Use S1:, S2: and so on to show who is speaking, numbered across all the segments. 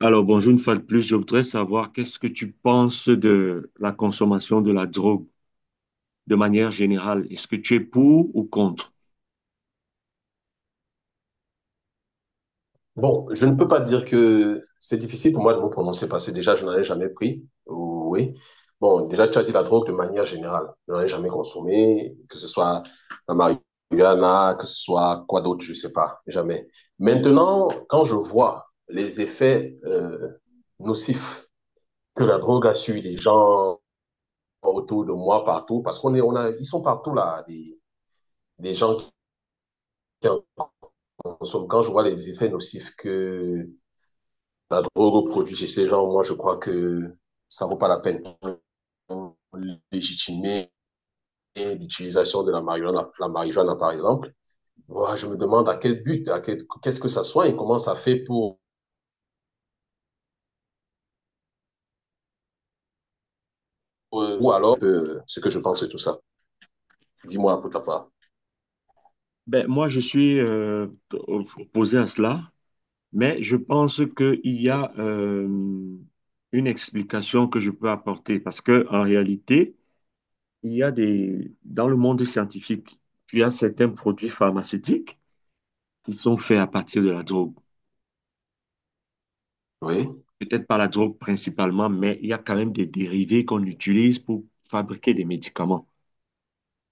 S1: Alors, bonjour une fois de plus. Je voudrais savoir qu'est-ce que tu penses de la consommation de la drogue de manière générale. Est-ce que tu es pour ou contre?
S2: Bon, je ne peux pas dire que c'est difficile pour moi de me prononcer parce que déjà, je n'en ai jamais pris. Oui. Bon, déjà, tu as dit la drogue de manière générale. Je n'en ai jamais consommé, que ce soit la marijuana, que ce soit quoi d'autre, je ne sais pas, jamais. Maintenant, quand je vois les effets nocifs que la drogue a sur les gens autour de moi, partout, parce qu'on est, on a, ils sont partout là, des gens qui en consomment. Quand je vois les effets nocifs que la drogue aux produits chez ces gens, moi, je crois que ça ne vaut pas la peine de légitimer l'utilisation de la marijuana, par exemple. Moi, je me demande à quel but, à quel, qu'est-ce que ça soigne, comment ça fait pour, ou alors ce que je pense de tout ça. Dis-moi pour ta part.
S1: Ben, moi, je suis opposé à cela, mais je pense qu'il y a une explication que je peux apporter parce que en réalité, il y a dans le monde scientifique, il y a certains produits pharmaceutiques qui sont faits à partir de la drogue.
S2: Oui,
S1: Peut-être pas la drogue principalement, mais il y a quand même des dérivés qu'on utilise pour fabriquer des médicaments.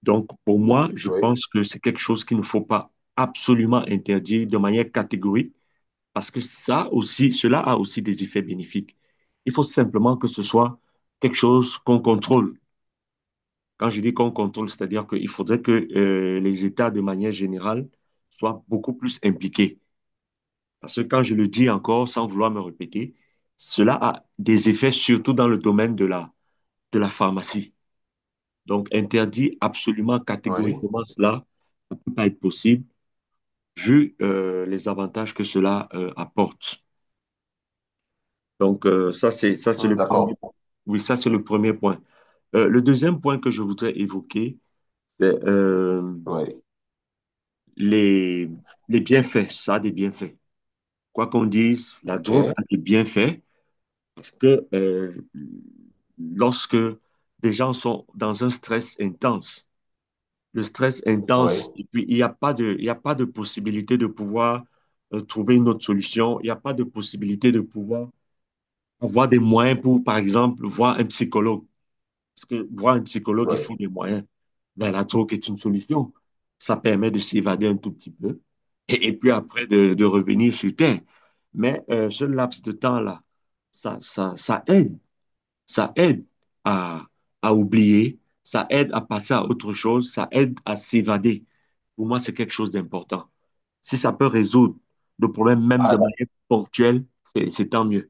S1: Donc, pour moi, je
S2: oui,
S1: pense que c'est quelque chose qu'il ne faut pas absolument interdire de manière catégorique, parce que ça aussi, cela a aussi des effets bénéfiques. Il faut simplement que ce soit quelque chose qu'on contrôle. Quand je dis qu'on contrôle, c'est-à-dire qu'il faudrait que les États, de manière générale, soient beaucoup plus impliqués. Parce que quand je le dis encore, sans vouloir me répéter, cela a des effets surtout dans le domaine de de la pharmacie. Donc, interdit absolument
S2: oui.
S1: catégoriquement cela, ça ne peut pas être possible, vu les avantages que cela apporte. Donc, ça, c'est le premier
S2: D'accord.
S1: point. Oui, ça, c'est le premier point. Le deuxième point que je voudrais évoquer, c'est
S2: Oui.
S1: les, les bienfaits. Ça a des bienfaits. Quoi qu'on dise, la drogue
S2: OK.
S1: a des bienfaits. Parce que lorsque des gens sont dans un stress intense, le stress
S2: Oui,
S1: intense, et puis il n'y a pas de, il y a pas de possibilité de pouvoir trouver une autre solution, il n'y a pas de possibilité de pouvoir avoir des moyens pour, par exemple, voir un psychologue. Parce que voir un psychologue, il
S2: oui.
S1: faut des moyens. Ben, la drogue est une solution. Ça permet de s'évader un tout petit peu et puis après de revenir sur Terre. Mais ce laps de temps-là, ça aide. Ça aide à, à oublier, ça aide à passer à autre chose, ça aide à s'évader. Pour moi, c'est quelque chose d'important. Si ça peut résoudre le problème même
S2: Ah,
S1: de manière ponctuelle, c'est tant mieux.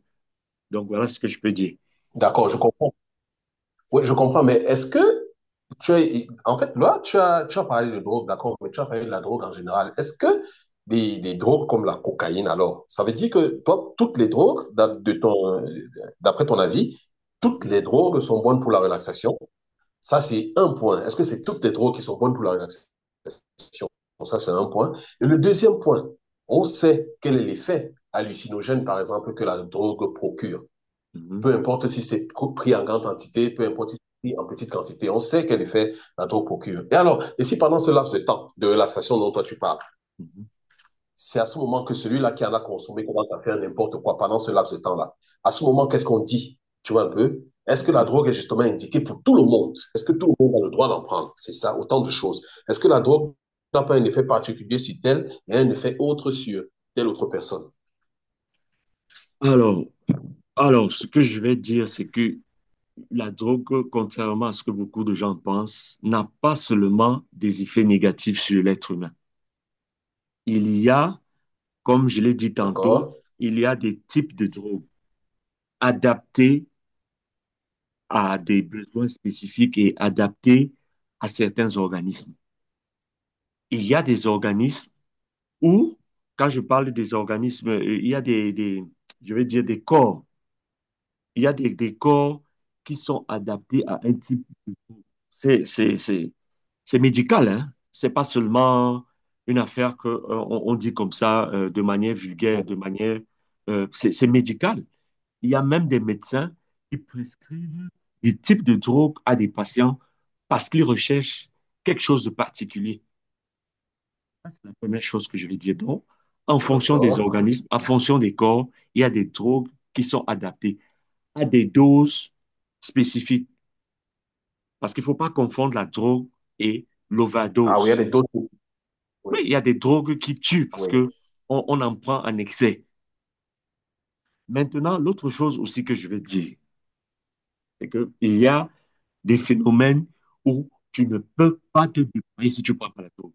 S1: Donc voilà ce que je peux dire.
S2: d'accord, je comprends. Oui, je comprends, mais est-ce que tu es- en fait, là, tu as parlé de drogue, d'accord, mais tu as parlé de la drogue en général. Est-ce que des drogues comme la cocaïne, alors, ça veut dire que toi, toutes les drogues, d'a- de ton, d'après ton avis, toutes
S1: Mhm,
S2: les drogues sont bonnes pour la relaxation? Ça, c'est un point. Est-ce que c'est toutes les drogues qui sont bonnes pour la relaxation? Bon, ça, c'est un point. Et le deuxième point, on sait quel est l'effet hallucinogène, par exemple, que la drogue procure.
S1: mhm,
S2: Peu importe si c'est pris en grande quantité, peu importe si c'est pris en petite quantité, on sait quel effet la drogue procure. Et alors, et si pendant ce laps de temps de relaxation dont toi tu parles, c'est à ce moment que celui-là qui en a consommé commence à faire n'importe quoi pendant ce laps de temps-là. À ce moment, qu'est-ce qu'on dit? Tu vois un peu? Est-ce que
S1: mhm,
S2: la
S1: mhm.
S2: drogue est justement indiquée pour tout le monde? Est-ce que tout le monde a le droit d'en prendre? C'est ça, autant de choses. Est-ce que la drogue n'a pas un effet particulier sur tel et un effet autre sur telle autre personne?
S1: Alors, alors, ce que je vais dire, c'est que la drogue, contrairement à ce que beaucoup de gens pensent, n'a pas seulement des effets négatifs sur l'être humain. Il y a, comme je l'ai dit tantôt,
S2: D'accord?
S1: il y a des types de drogues, adapté à des besoins spécifiques et adapté à certains organismes. Il y a des organismes où, quand je parle des organismes, il y a je vais dire des corps. Il y a des corps qui sont adaptés à un type. C'est, c'est, c'est, c'est médical, hein. C'est pas seulement une affaire que, on, dit comme ça, de manière vulgaire, de manière, c'est médical. Il y a même des médecins qui prescrivent des types de drogues à des patients parce qu'ils recherchent quelque chose de particulier. Ça, c'est la première chose que je vais dire. Donc, en fonction des
S2: D'accord.
S1: organismes, en fonction des corps, il y a des drogues qui sont adaptées à des doses spécifiques. Parce qu'il ne faut pas confondre la drogue et
S2: Ah oui, il y a
S1: l'overdose.
S2: des doses.
S1: Oui,
S2: Oui,
S1: il y a des drogues qui tuent parce
S2: oui.
S1: que on en prend en excès. Maintenant, l'autre chose aussi que je vais dire, c'est qu'il y a des phénomènes où tu ne peux pas te déployer si tu ne prends pas la tour.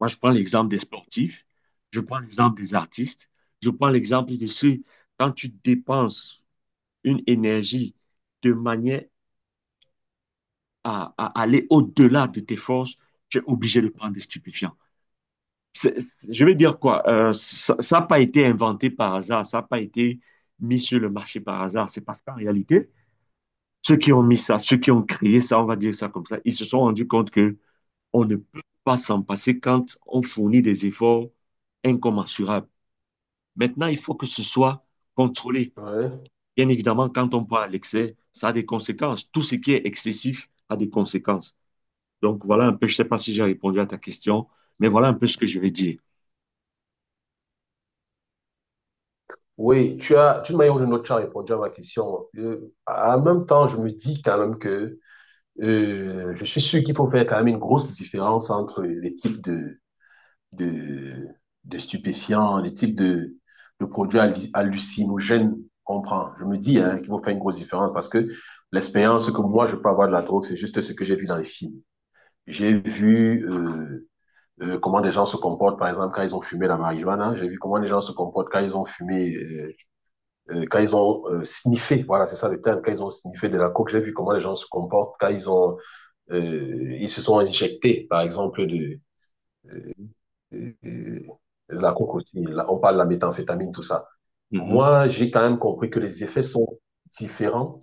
S1: Moi, je prends l'exemple des sportifs, je prends l'exemple des artistes, je prends l'exemple de ceux, quand tu dépenses une énergie de manière à aller au-delà de tes forces, tu es obligé de prendre des stupéfiants. C'est- je vais dire quoi, ça n'a pas été inventé par hasard, ça n'a pas été mis sur le marché par hasard. C'est parce qu'en réalité, ceux qui ont mis ça, ceux qui ont créé ça, on va dire ça comme ça, ils se sont rendus compte que On ne peut pas s'en passer quand on fournit des efforts incommensurables. Maintenant, il faut que ce soit contrôlé.
S2: Ouais.
S1: Bien évidemment, quand on prend à l'excès, ça a des conséquences. Tout ce qui est excessif a des conséquences. Donc voilà un peu, je ne sais pas si j'ai répondu à ta question, mais voilà un peu ce que je vais dire.
S2: Oui, tu as, d'une manière ou d'une autre, tu as répondu à ma question. En même temps, je me dis quand même que je suis sûr qu'il faut faire quand même une grosse différence entre les types de, de stupéfiants, les types de produits hallu- hallucinogènes qu'on prend. Je me dis hein, qu'il faut faire une grosse différence parce que l'expérience que moi, je peux avoir de la drogue, c'est juste ce que j'ai vu dans les films. J'ai vu comment des gens se comportent, par exemple, quand ils ont fumé la marijuana. J'ai vu comment les gens se comportent quand ils ont fumé quand ils ont sniffé, voilà, c'est ça le terme, quand ils ont sniffé de la coke, j'ai vu comment les gens se comportent, quand ils ont, ils se sont injectés, par exemple, euh, euh, de la coke aussi, là, on parle de la méthamphétamine, tout ça.
S1: Mhm,
S2: Moi, j'ai quand même compris que les effets sont différents.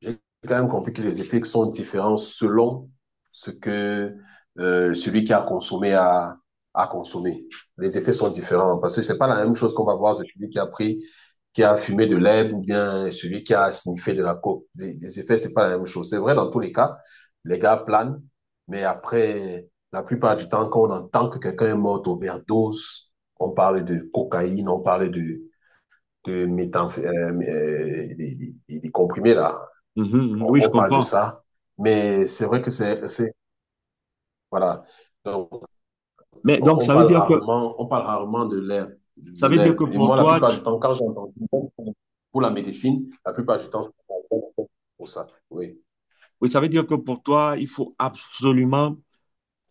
S2: J'ai quand même compris que les effets sont différents selon ce que celui qui a consommé a, a consommé. Les effets sont différents parce que c'est pas la même chose qu'on va voir celui qui a pris, qui a fumé de l'herbe ou bien celui qui a sniffé de la coke. Les effets, c'est pas la même chose. C'est vrai dans tous les cas, les gars planent, mais après, la plupart du temps, quand on entend que quelqu'un est mort d'overdose, on parle de cocaïne, on parle de méthamph- des comprimés là.
S1: mhm, mhm. Oui, je
S2: On parle de
S1: comprends.
S2: ça, mais c'est vrai que c'est- voilà. Donc,
S1: Mais donc, ça veut dire que,
S2: on parle rarement de l'herbe,
S1: ça
S2: de
S1: veut dire que
S2: l'herbe. Et
S1: pour
S2: moi, la
S1: toi,
S2: plupart
S1: tu-
S2: du temps, quand j'entends pour la médecine, la plupart du temps, c'est pour ça. Oui.
S1: oui, ça veut dire que pour toi, il faut absolument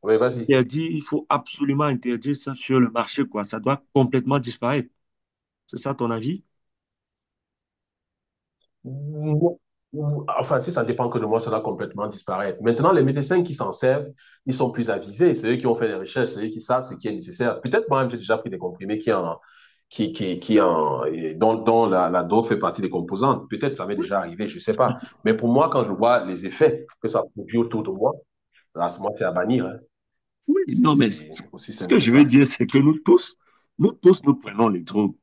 S2: Oui, vas-y.
S1: interdire, il faut absolument interdire ça sur le marché, quoi. Ça doit complètement disparaître. C'est ça ton avis?
S2: Ou- ou- enfin, si ça ne dépend que de moi, ça va complètement disparaître. Maintenant, les médecins qui s'en servent, ils sont plus avisés. C'est eux qui ont fait des recherches, c'est eux qui savent ce qui est nécessaire. Peut-être moi-même, j'ai déjà pris des comprimés qui en, qui, qui en, et dont, dont la, la drogue fait partie des composantes. Peut-être ça m'est
S1: Oui,
S2: déjà arrivé, je ne sais pas. Mais pour moi, quand je vois les effets que ça produit autour de moi, là, c'est- moi, c'est à bannir. Hein.
S1: oui, non, mais c-
S2: C'est aussi
S1: ce
S2: simple
S1: que
S2: que
S1: je veux
S2: ça.
S1: dire, c'est que nous tous, nous tous, nous prenons les drogues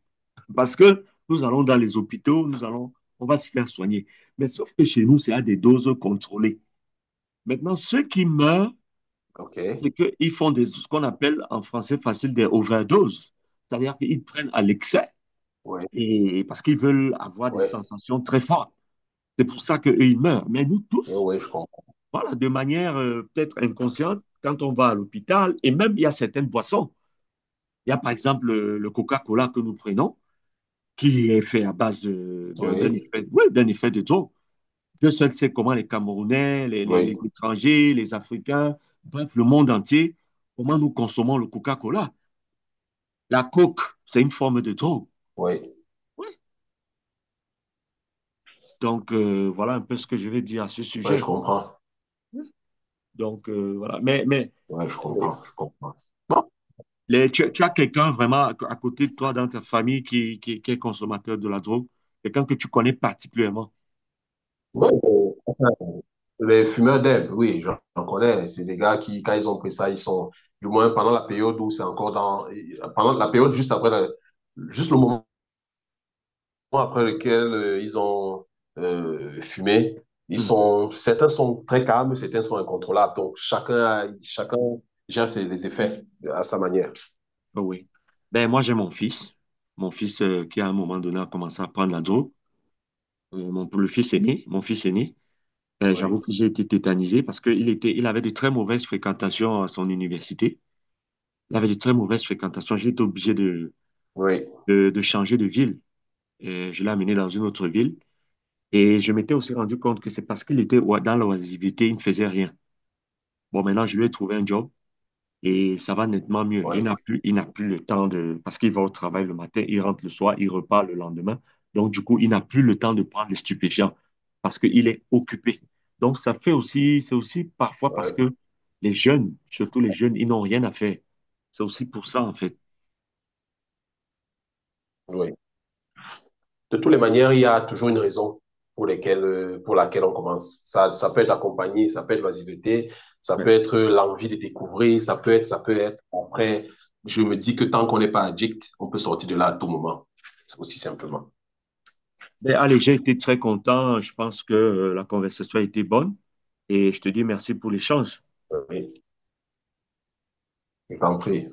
S1: parce que nous allons dans les hôpitaux, nous allons, on va se faire soigner. Mais sauf que chez nous, c'est à des doses contrôlées. Maintenant, ceux qui meurent,
S2: OK.
S1: c'est qu'ils font ce qu'on appelle en français facile des overdoses. C'est-à-dire qu'ils prennent à l'excès
S2: Oui,
S1: et parce qu'ils veulent avoir des
S2: oui,
S1: sensations très fortes. C'est pour ça qu'eux, ils meurent. Mais nous
S2: oui,
S1: tous,
S2: oui, je comprends.
S1: voilà, de manière peut-être inconsciente, quand on va à l'hôpital, et même il y a certaines boissons. Il y a par exemple le Coca-Cola que nous prenons, qui est fait à base d'un
S2: Oui,
S1: effet, oui, d'un effet de taux. Dieu seul sait comment les Camerounais, les
S2: oui,
S1: étrangers, les Africains, bref, le monde entier, comment nous consommons le Coca-Cola. La coke, c'est une forme de drogue.
S2: oui,
S1: Oui. Donc, voilà un peu ce que je vais dire à ce
S2: oui,
S1: sujet,
S2: je
S1: quoi.
S2: comprends.
S1: Oui. Donc, voilà. Mais
S2: Ouais, je
S1: les-
S2: comprends, je comprends. Bon,
S1: tu as quelqu'un vraiment à côté de toi dans ta famille qui est consommateur de la drogue, quelqu'un que tu connais particulièrement.
S2: ouais, enfin, les fumeurs d'herbe, oui, j'en connais. C'est des gars qui, quand ils ont pris ça, ils sont, du moins pendant la période où c'est encore dans, pendant la période juste après, la- juste le moment après lequel ils ont fumé, ils sont, certains sont très calmes, certains sont incontrôlables. Donc chacun, a- chacun gère ses, les effets à sa manière.
S1: Oh oui. Ben, moi, j'ai mon fils. Mon fils qui, à un moment donné, a commencé à prendre la drogue. Le fils aîné, mon fils aîné. Ben,
S2: Oui,
S1: j'avoue que j'ai été tétanisé parce qu'il était, il avait de très mauvaises fréquentations à son université. Il avait de très mauvaises fréquentations. J'ai été obligé
S2: oui,
S1: de changer de ville. Je l'ai amené dans une autre ville. Et je m'étais aussi rendu compte que c'est parce qu'il était oi- dans l'oisiveté, il ne faisait rien. Bon, maintenant, je lui ai trouvé un job. Et ça va nettement mieux.
S2: oui,
S1: Il n'a plus le temps de... Parce qu'il va au travail le matin, il rentre le soir, il repart le lendemain. Donc, du coup, il n'a plus le temps de prendre les stupéfiants parce qu'il est occupé. Donc, ça fait aussi, c'est aussi parfois parce
S2: oui,
S1: que les jeunes, surtout les jeunes, ils n'ont rien à faire. C'est aussi pour ça, en fait.
S2: oui. De toutes les manières, il y a toujours une raison pour, lesquelles, pour laquelle on commence. Ça peut être accompagné, ça peut être l'asiveté, ça
S1: Ouais.
S2: peut être l'envie de découvrir, ça peut être après. Je me dis que tant qu'on n'est pas addict, on peut sortir de là à tout moment. Aussi simplement.
S1: Mais allez, j'ai été très content. Je pense que la conversation a été bonne et je te dis merci pour l'échange.
S2: Oui, je t'en prie.